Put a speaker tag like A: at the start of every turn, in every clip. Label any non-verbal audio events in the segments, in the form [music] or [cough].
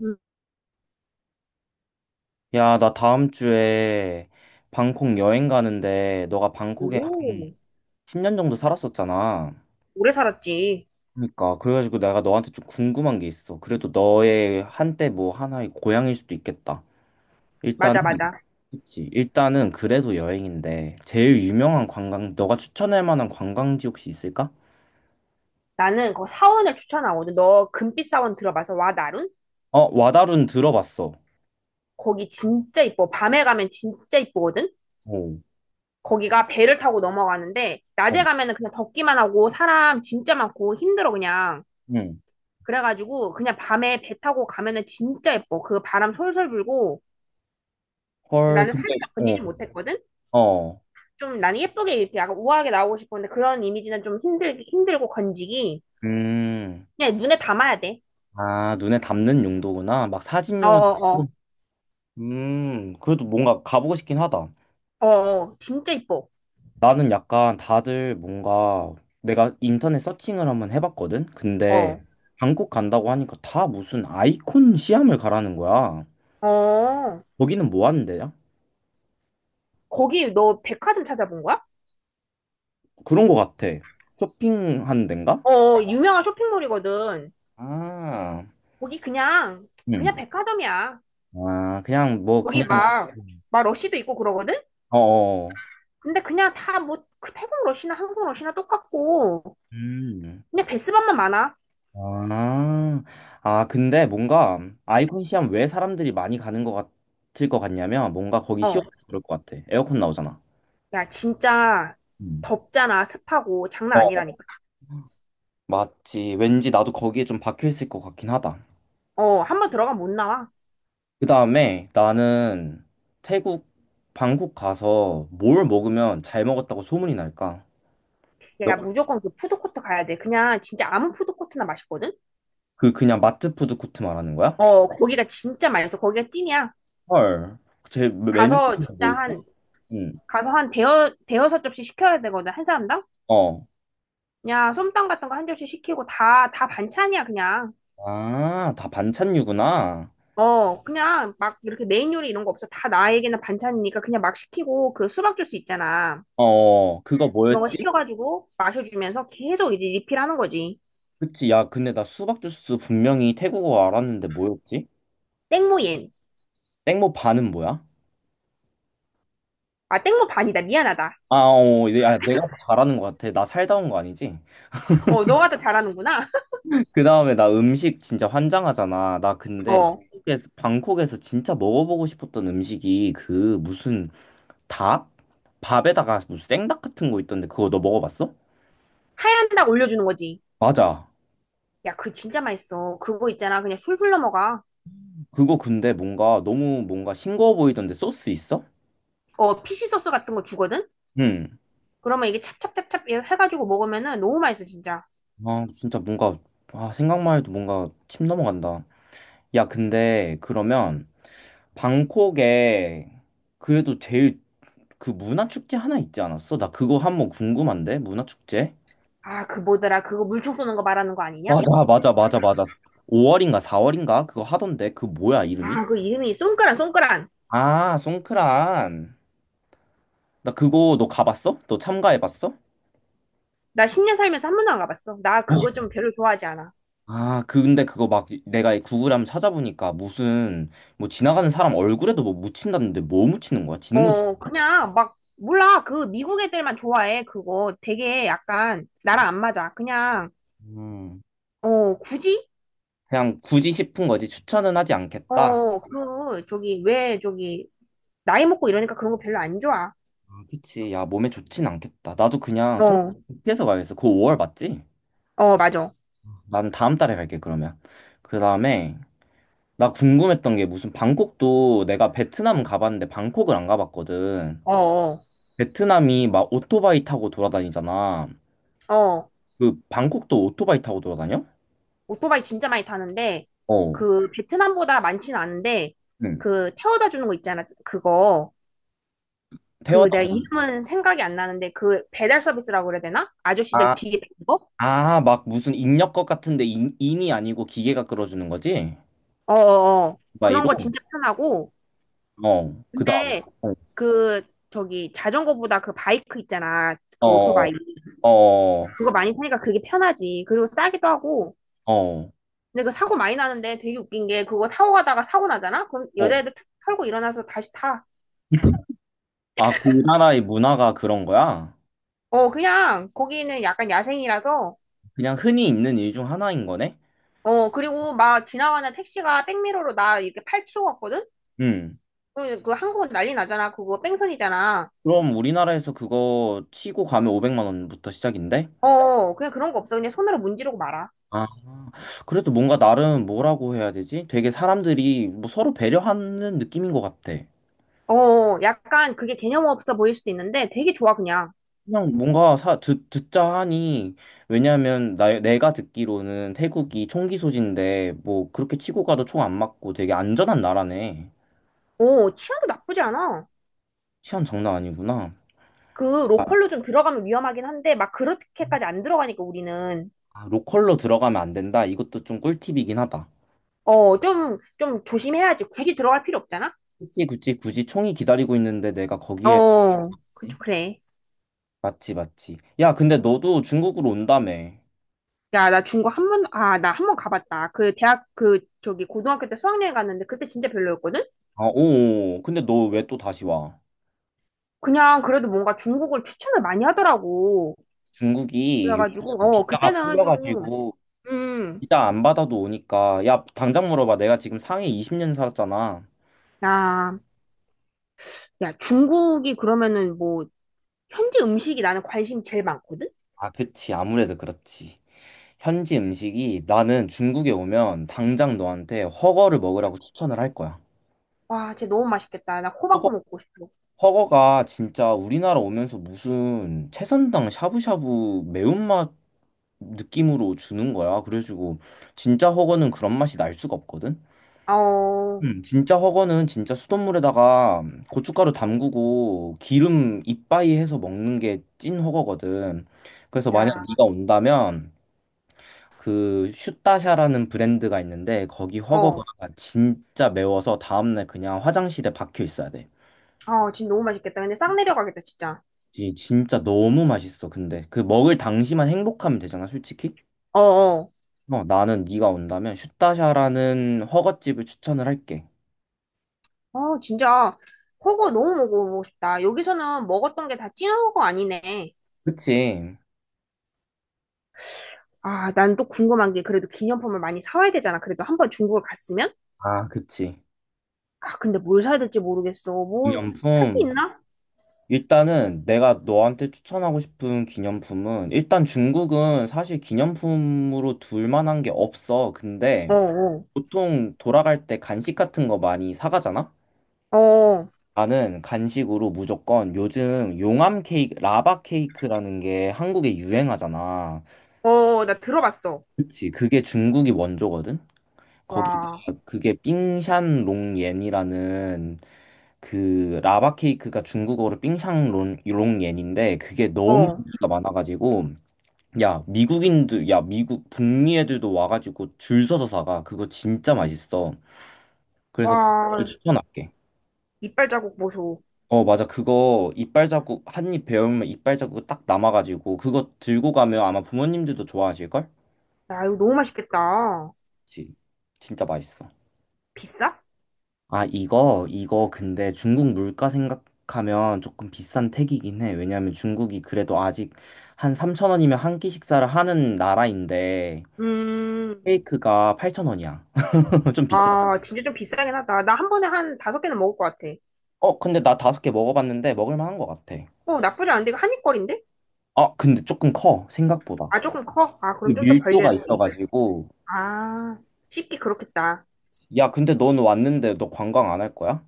A: 음,
B: 야, 나 다음 주에 방콕 여행 가는데 너가 방콕에 한
A: 오,
B: 10년 정도 살았었잖아.
A: 오래 살았지.
B: 그러니까 그래가지고 내가 너한테 좀 궁금한 게 있어. 그래도 너의 한때 뭐 하나의 고향일 수도 있겠다. 일단은
A: 맞아, 맞아.
B: 그치. 일단은 그래도 여행인데 제일 유명한 관광 너가 추천할 만한 관광지 혹시 있을까?
A: 나는 그 사원을 추천하거든. 너 금빛 사원 들어봐서 와, 나룬?
B: 어, 와다룬 들어봤어.
A: 거기 진짜 이뻐. 밤에 가면 진짜 이쁘거든?
B: 오.
A: 거기가 배를 타고 넘어가는데,
B: 어.
A: 낮에 가면은 그냥 덥기만 하고, 사람 진짜 많고, 힘들어, 그냥.
B: 응.
A: 그래가지고, 그냥 밤에 배 타고 가면은 진짜 예뻐. 그 바람 솔솔 불고,
B: 헐,
A: 나는
B: 근데
A: 사진을 건지지
B: 어.
A: 못했거든?
B: 어.
A: 좀 나는 예쁘게 이렇게 약간 우아하게 나오고 싶었는데, 그런 이미지는 좀 힘들고 건지기.
B: 음.
A: 그냥 눈에 담아야 돼.
B: 아, 눈에 담는 용도구나. 막 사진용은.
A: 어어어.
B: 그래도 뭔가 가보고 싶긴 하다.
A: 어, 어, 진짜 이뻐.
B: 나는 약간 다들 뭔가 내가 인터넷 서칭을 한번 해봤거든? 근데
A: 어,
B: 방콕 간다고 하니까 다 무슨 아이콘 시암을 가라는 거야.
A: 어.
B: 거기는 뭐 하는 데야?
A: 거기 너 백화점 찾아본 거야?
B: 그런 거 같아. 쇼핑하는 데인가?
A: 어, 유명한 쇼핑몰이거든.
B: 아,
A: 거기 그냥, 그냥
B: 음.
A: 백화점이야.
B: 아, 그냥 뭐,
A: 거기
B: 그냥,
A: 막, 막 러쉬도 있고 그러거든?
B: 어어.
A: 근데 그냥 다 뭐, 그 태국 러쉬나 한국 러쉬나 똑같고,
B: 음.
A: 그냥 베스밤만 많아.
B: 아, 근데 뭔가 아이콘 시험 왜 사람들이 많이 가는 것 같을 것 같냐면 뭔가 거기
A: 어,
B: 시원해서 그럴 것 같아. 에어컨 나오잖아.
A: 야, 진짜
B: 음.
A: 덥잖아. 습하고. 장난
B: 어,
A: 아니라니까.
B: 맞지. 왠지 나도 거기에 좀 박혀 있을 것 같긴 하다.
A: 어, 한 번 들어가면 못 나와.
B: 그 다음에 나는 태국 방콕 가서 뭘 먹으면 잘 먹었다고 소문이 날까? 너,
A: 야, 무조건 그 푸드코트 가야 돼. 그냥 진짜 아무 푸드코트나 맛있거든?
B: 그 그냥 마트 푸드 코트 말하는 거야?
A: 어, 거기가 진짜 맛있어. 거기가 찐이야.
B: 헐. 제 메뉴
A: 가서
B: 뭐
A: 진짜
B: 있어?
A: 한
B: 응.
A: 가서 한 대여섯 접시 시켜야 되거든, 한 사람당.
B: 어.
A: 그냥 솜땅 같은 거 한 접시 시키고, 다 반찬이야, 그냥.
B: 아, 다 반찬류구나.
A: 어, 그냥 막 이렇게 메인 요리 이런 거 없어. 다 나에게는 반찬이니까 그냥 막 시키고, 그 수박 주스 있잖아,
B: 어, 어. 그거
A: 그런 거
B: 뭐였지?
A: 시켜가지고 마셔주면서 계속 이제 리필하는 거지.
B: 그치, 야, 근데 나 수박 주스 분명히 태국어 알았는데 뭐였지?
A: 땡모옌.
B: 땡모 반은 뭐야?
A: 아, 땡모 반이다. 미안하다.
B: 아, 어, 내- 야, 내가 더 잘하는 것 같아. 나 살다 온 거 아니지?
A: 어, 너가 더 잘하는구나.
B: [laughs] 그 다음에 나 음식 진짜 환장하잖아. 나
A: [laughs]
B: 근데
A: 어.
B: 태국에서, 방콕에서 진짜 먹어보고 싶었던 음식이 그 무슨 닭? 밥에다가 무슨 생닭 같은 거 있던데 그거 너 먹어봤어?
A: 하얀 닭 올려주는 거지.
B: 맞아.
A: 야, 그 진짜 맛있어, 그거 있잖아. 그냥 술술 넘어가.
B: 그거 근데 뭔가 너무 뭔가 싱거워 보이던데 소스 있어?
A: 어, 피시 소스 같은 거 주거든.
B: 응.
A: 그러면 이게 찹찹찹찹 해가지고 먹으면은 너무 맛있어, 진짜.
B: 아, 진짜 뭔가, 아, 생각만 해도 뭔가 침 넘어간다. 야, 근데 그러면 방콕에 그래도 제일 그 문화 축제 하나 있지 않았어? 나 그거 한번 궁금한데 문화 축제?
A: 아, 그 뭐더라. 그거 물총 쏘는 거 말하는 거 아니냐?
B: 맞아, 맞아, 맞아, 맞아. 5월인가 4월인가 그거 하던데 그 뭐야 이름이?
A: 아, 그 이름이 쏜까란, 쏜까란.
B: 아, 송크란. 나 그거 너 가봤어? 너 참가해봤어?
A: 나 10년 살면서 한 번도 안 가봤어. 나 그거
B: 어.
A: 좀 별로 좋아하지 않아.
B: 아, 근데 그거 막 내가 구글에 한번 찾아보니까 무슨 뭐 지나가는 사람 얼굴에도 뭐 묻힌다는데 뭐 묻히는 거야? 지능 묻히는
A: 어, 그냥 막, 몰라. 그 미국 애들만 좋아해. 그거 되게 약간
B: 거야?
A: 나랑 안 맞아. 그냥,
B: 음.
A: 어, 굳이?
B: 그냥 굳이 싶은 거지 추천은 하지 않겠다.
A: 어, 그, 저기, 왜 저기, 나이 먹고 이러니까 그런 거 별로 안 좋아.
B: 그치. 야, 몸에 좋진 않겠다. 나도 그냥
A: 어,
B: 송에서 가야겠어. 그거 5월 맞지?
A: 어, 맞아.
B: 난 다음 달에 갈게, 그러면. 그 다음에, 나 궁금했던 게 무슨 방콕도 내가 베트남 가봤는데 방콕을 안 가봤거든.
A: 어, 어.
B: 베트남이 막 오토바이 타고 돌아다니잖아.
A: 어.
B: 그 방콕도 오토바이 타고 돌아다녀?
A: 오토바이 진짜 많이 타는데
B: 어.
A: 그 베트남보다 많지는 않은데,
B: 응.
A: 그 태워다 주는 거 있잖아, 그거.
B: 태워다
A: 그 내가
B: 주는.
A: 이름은 생각이 안 나는데, 그 배달 서비스라고 그래야 되나? 아저씨들
B: 아,
A: 뒤에 있는 거?
B: 아, 막 무슨 인력것 같은데 인이 아니고 기계가 끌어주는 거지?
A: 어어어, 그런
B: 오토바이로?
A: 거 진짜 편하고.
B: 어. 그 다음.
A: 근데 그, 저기, 자전거보다 그 바이크 있잖아, 그
B: 어.
A: 오토바이.
B: 어. 어.
A: 그거 많이 타니까 그게 편하지. 그리고 싸기도 하고.
B: 어.
A: 근데 그 사고 많이 나는데, 되게 웃긴 게, 그거 타고 가다가 사고 나잖아? 그럼
B: 어.
A: 여자애들 툭 털고 일어나서 다시 타.
B: 아, 그 나라의 문화가 그런 거야?
A: 어, 그냥 거기는 약간 야생이라서.
B: 그냥 흔히 있는 일 중 하나인 거네?
A: 어, 그리고 막 지나가는 택시가 백미러로 나 이렇게 팔 치고 왔거든?
B: 음.
A: 그 한국은 난리 나잖아. 그거 뺑소니잖아.
B: 그럼 우리나라에서 그거 치고 가면 500만 원부터 시작인데?
A: 어, 그냥 그런 거 없어. 그냥 손으로 문지르고 말아.
B: 아, 그래도 뭔가 나름 뭐라고 해야 되지? 되게 사람들이 뭐 서로 배려하는 느낌인 것 같아.
A: 어, 약간 그게 개념 없어 보일 수도 있는데 되게 좋아, 그냥.
B: 그냥 뭔가 듣자 하니, 왜냐면 내가 듣기로는 태국이 총기 소지인데, 뭐 그렇게 치고 가도 총 안 맞고 되게 안전한 나라네.
A: 어, 치안도 나쁘지 않아.
B: 치안 장난 아니구나.
A: 그 로컬로 좀 들어가면 위험하긴 한데, 막 그렇게까지 안 들어가니까 우리는.
B: 아, 로컬로 들어가면 안 된다. 이것도 좀 꿀팁이긴 하다.
A: 어, 좀 조심해야지. 굳이 들어갈 필요 없잖아?
B: 굳이 굳이 굳이 총이 기다리고 있는데 내가 거기에
A: 어, 그래.
B: 맞지 맞지. 야, 근데 너도 중국으로 온다며.
A: 야, 나 한 번 가봤다. 고등학교 때 수학여행 갔는데 그때 진짜 별로였거든?
B: 아, 오. 근데 너 왜 또 다시 와?
A: 그냥 그래도 뭔가 중국을 추천을 많이 하더라고.
B: 중국이
A: 그래가지고,
B: 요즘
A: 어,
B: 비자가
A: 그때는 좀,
B: 풀려가지고
A: 음,
B: 비자 안 받아도 오니까 야, 당장 물어봐. 내가 지금 상해 20년 살았잖아.
A: 야, 야, 중국이 그러면은 뭐, 현지 음식이 나는 관심이 제일 많거든?
B: 아, 그치. 아무래도 그렇지. 현지 음식이 나는 중국에 오면 당장 너한테 허거를 먹으라고 추천을 할 거야.
A: 와, 진짜 너무 맛있겠다. 나 코바코 먹고 싶어.
B: 허거가 진짜 우리나라 오면서 무슨 채선당 샤브샤브 매운맛 느낌으로 주는 거야. 그래가지고 진짜 허거는 그런 맛이 날 수가 없거든.
A: 아, 어,
B: 진짜 허거는 진짜 수돗물에다가 고춧가루 담그고 기름 이빠이 해서 먹는 게 찐 허거거든. 그래서 만약
A: 야,
B: 네가 온다면 그 슈타샤라는 브랜드가 있는데 거기 허거가
A: 어,
B: 진짜 매워서 다음날 그냥 화장실에 박혀 있어야 돼.
A: 어, 진짜 너무 맛있겠다. 근데 싹 내려가겠다, 진짜.
B: 이 진짜 너무 맛있어. 근데 그 먹을 당시만 행복하면 되잖아, 솔직히.
A: 어어.
B: 어, 나는 네가 온다면 슈타샤라는 허거집을 추천을 할게.
A: 어, 진짜 그거 너무 먹어보고 싶다. 여기서는 먹었던 게 다 찐한거 아니네.
B: 그치?
A: 아, 난 또 궁금한 게, 그래도 기념품을 많이 사와야 되잖아, 그래도 한 번 중국을 갔으면?
B: 아, 그치.
A: 아, 근데 뭘 사야 될지 모르겠어. 뭐, 살 게
B: 기념품.
A: 있나?
B: 일단은 내가 너한테 추천하고 싶은 기념품은 일단 중국은 사실 기념품으로 둘 만한 게 없어.
A: 어,
B: 근데
A: 어,
B: 보통 돌아갈 때 간식 같은 거 많이 사가잖아?
A: 어,
B: 나는 간식으로 무조건 요즘 용암 케이크, 라바 케이크라는 게 한국에 유행하잖아.
A: 어, 나 들어봤어.
B: 그치. 그게 중국이 원조거든? 거기가
A: 와,
B: 그게 삥샨롱옌이라는 그 라바 케이크가 중국어로 삥샹롱옌인데 그게 너무
A: 어,
B: 인기가 많아가지고 야 미국인들 야 미국 북미 애들도 와가지고 줄 서서 사가. 그거 진짜 맛있어. 그래서 그거를
A: 와,
B: 추천할게.
A: 이빨 자국 보소.
B: 어 맞아 그거 이빨 자국 한 입 베어물면 이빨 자국 딱 남아가지고 그거 들고 가면 아마 부모님들도 좋아하실걸?
A: 야, 이거 너무 맛있겠다.
B: 그치. 진짜 맛있어.
A: 비싸?
B: 아, 이거 근데 중국 물가 생각하면 조금 비싼 택이긴 해. 왜냐면 중국이 그래도 아직 한 3,000원이면 한 끼 식사를 하는 나라인데,
A: 음,
B: 케이크가 8,000원이야. [laughs] 좀 비싸.
A: 아, 진짜 좀 비싸긴 하다. 나 한 번에 한 다섯 개는 먹을 것 같아.
B: 어, 근데 나 다섯 개 먹어봤는데 먹을 만한 것 같아.
A: 어, 나쁘지 않은데 이거 한입거리인데?
B: 아, 근데 조금 커, 생각보다.
A: 아, 조금 커? 아,
B: 그
A: 그럼 좀 더 벌려야
B: 밀도가
A: 돼, 입을.
B: 있어가지고.
A: 아, 쉽게 그렇겠다.
B: 야, 근데 넌 왔는데 너 관광 안 할 거야?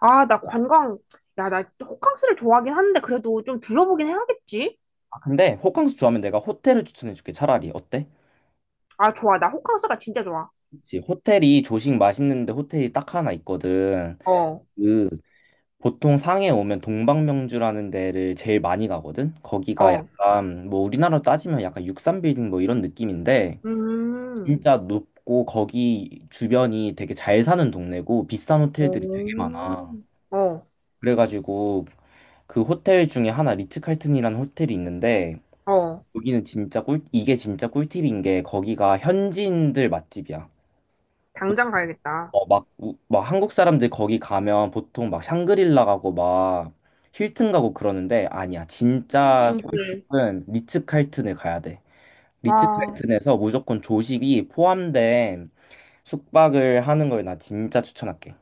A: 아, 나 관광, 야, 나 호캉스를 좋아하긴 하는데, 그래도 좀 둘러보긴 해야겠지?
B: 아, 근데 호캉스 좋아하면 내가 호텔을 추천해줄게. 차라리 어때?
A: 아, 좋아. 나 호캉스가 진짜 좋아.
B: 그치. 호텔이 조식 맛있는데 호텔이 딱 하나 있거든.
A: 어,
B: 그 보통 상해 오면 동방명주라는 데를 제일 많이 가거든? 거기가
A: 어.
B: 약간, 뭐 우리나라로 따지면 약간 63빌딩 뭐 이런 느낌인데,
A: 음,
B: 진짜 높고 거기 주변이 되게 잘 사는 동네고 비싼 호텔들이 되게
A: 오,
B: 많아.
A: 어,
B: 그래가지고 그 호텔 중에 하나 리츠칼튼이라는 호텔이 있는데,
A: 어.
B: 여기는 진짜 꿀, 이게 진짜 꿀팁인 게 거기가 현지인들 맛집이야.
A: 당장 가야겠다.
B: 어, 막, 우- 막 한국 사람들 거기 가면 보통 막 샹그릴라 가고 막 힐튼 가고 그러는데 아니야. 진짜
A: 진짜.
B: 꿀팁은 리츠칼튼을 가야 돼.
A: 와,
B: 리츠칼튼에서 무조건 조식이 포함된 숙박을 하는 걸 나 진짜 추천할게.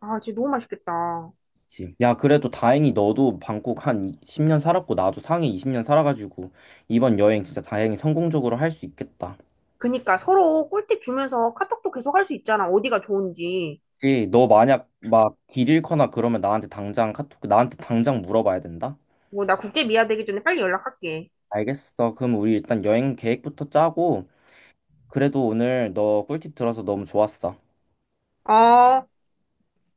A: 아, 진짜 너무 맛있겠다.
B: 그치. 야, 그래도 다행히 너도 방콕 한 10년 살았고 나도 상해 20년 살아가지고 이번 여행 진짜 다행히 성공적으로 할 수 있겠다.
A: 그니까 서로 꿀팁 주면서 카톡도 계속 할 수 있잖아. 어디가 좋은지.
B: 그치? 너 만약 막 길 잃거나 그러면 나한테 당장 카톡, 나한테 당장 물어봐야 된다.
A: 뭐, 나 국제 미아 되기 전에 빨리 연락할게.
B: 알겠어. 그럼 우리 일단 여행 계획부터 짜고, 그래도 오늘 너 꿀팁 들어서 너무 좋았어.
A: 어.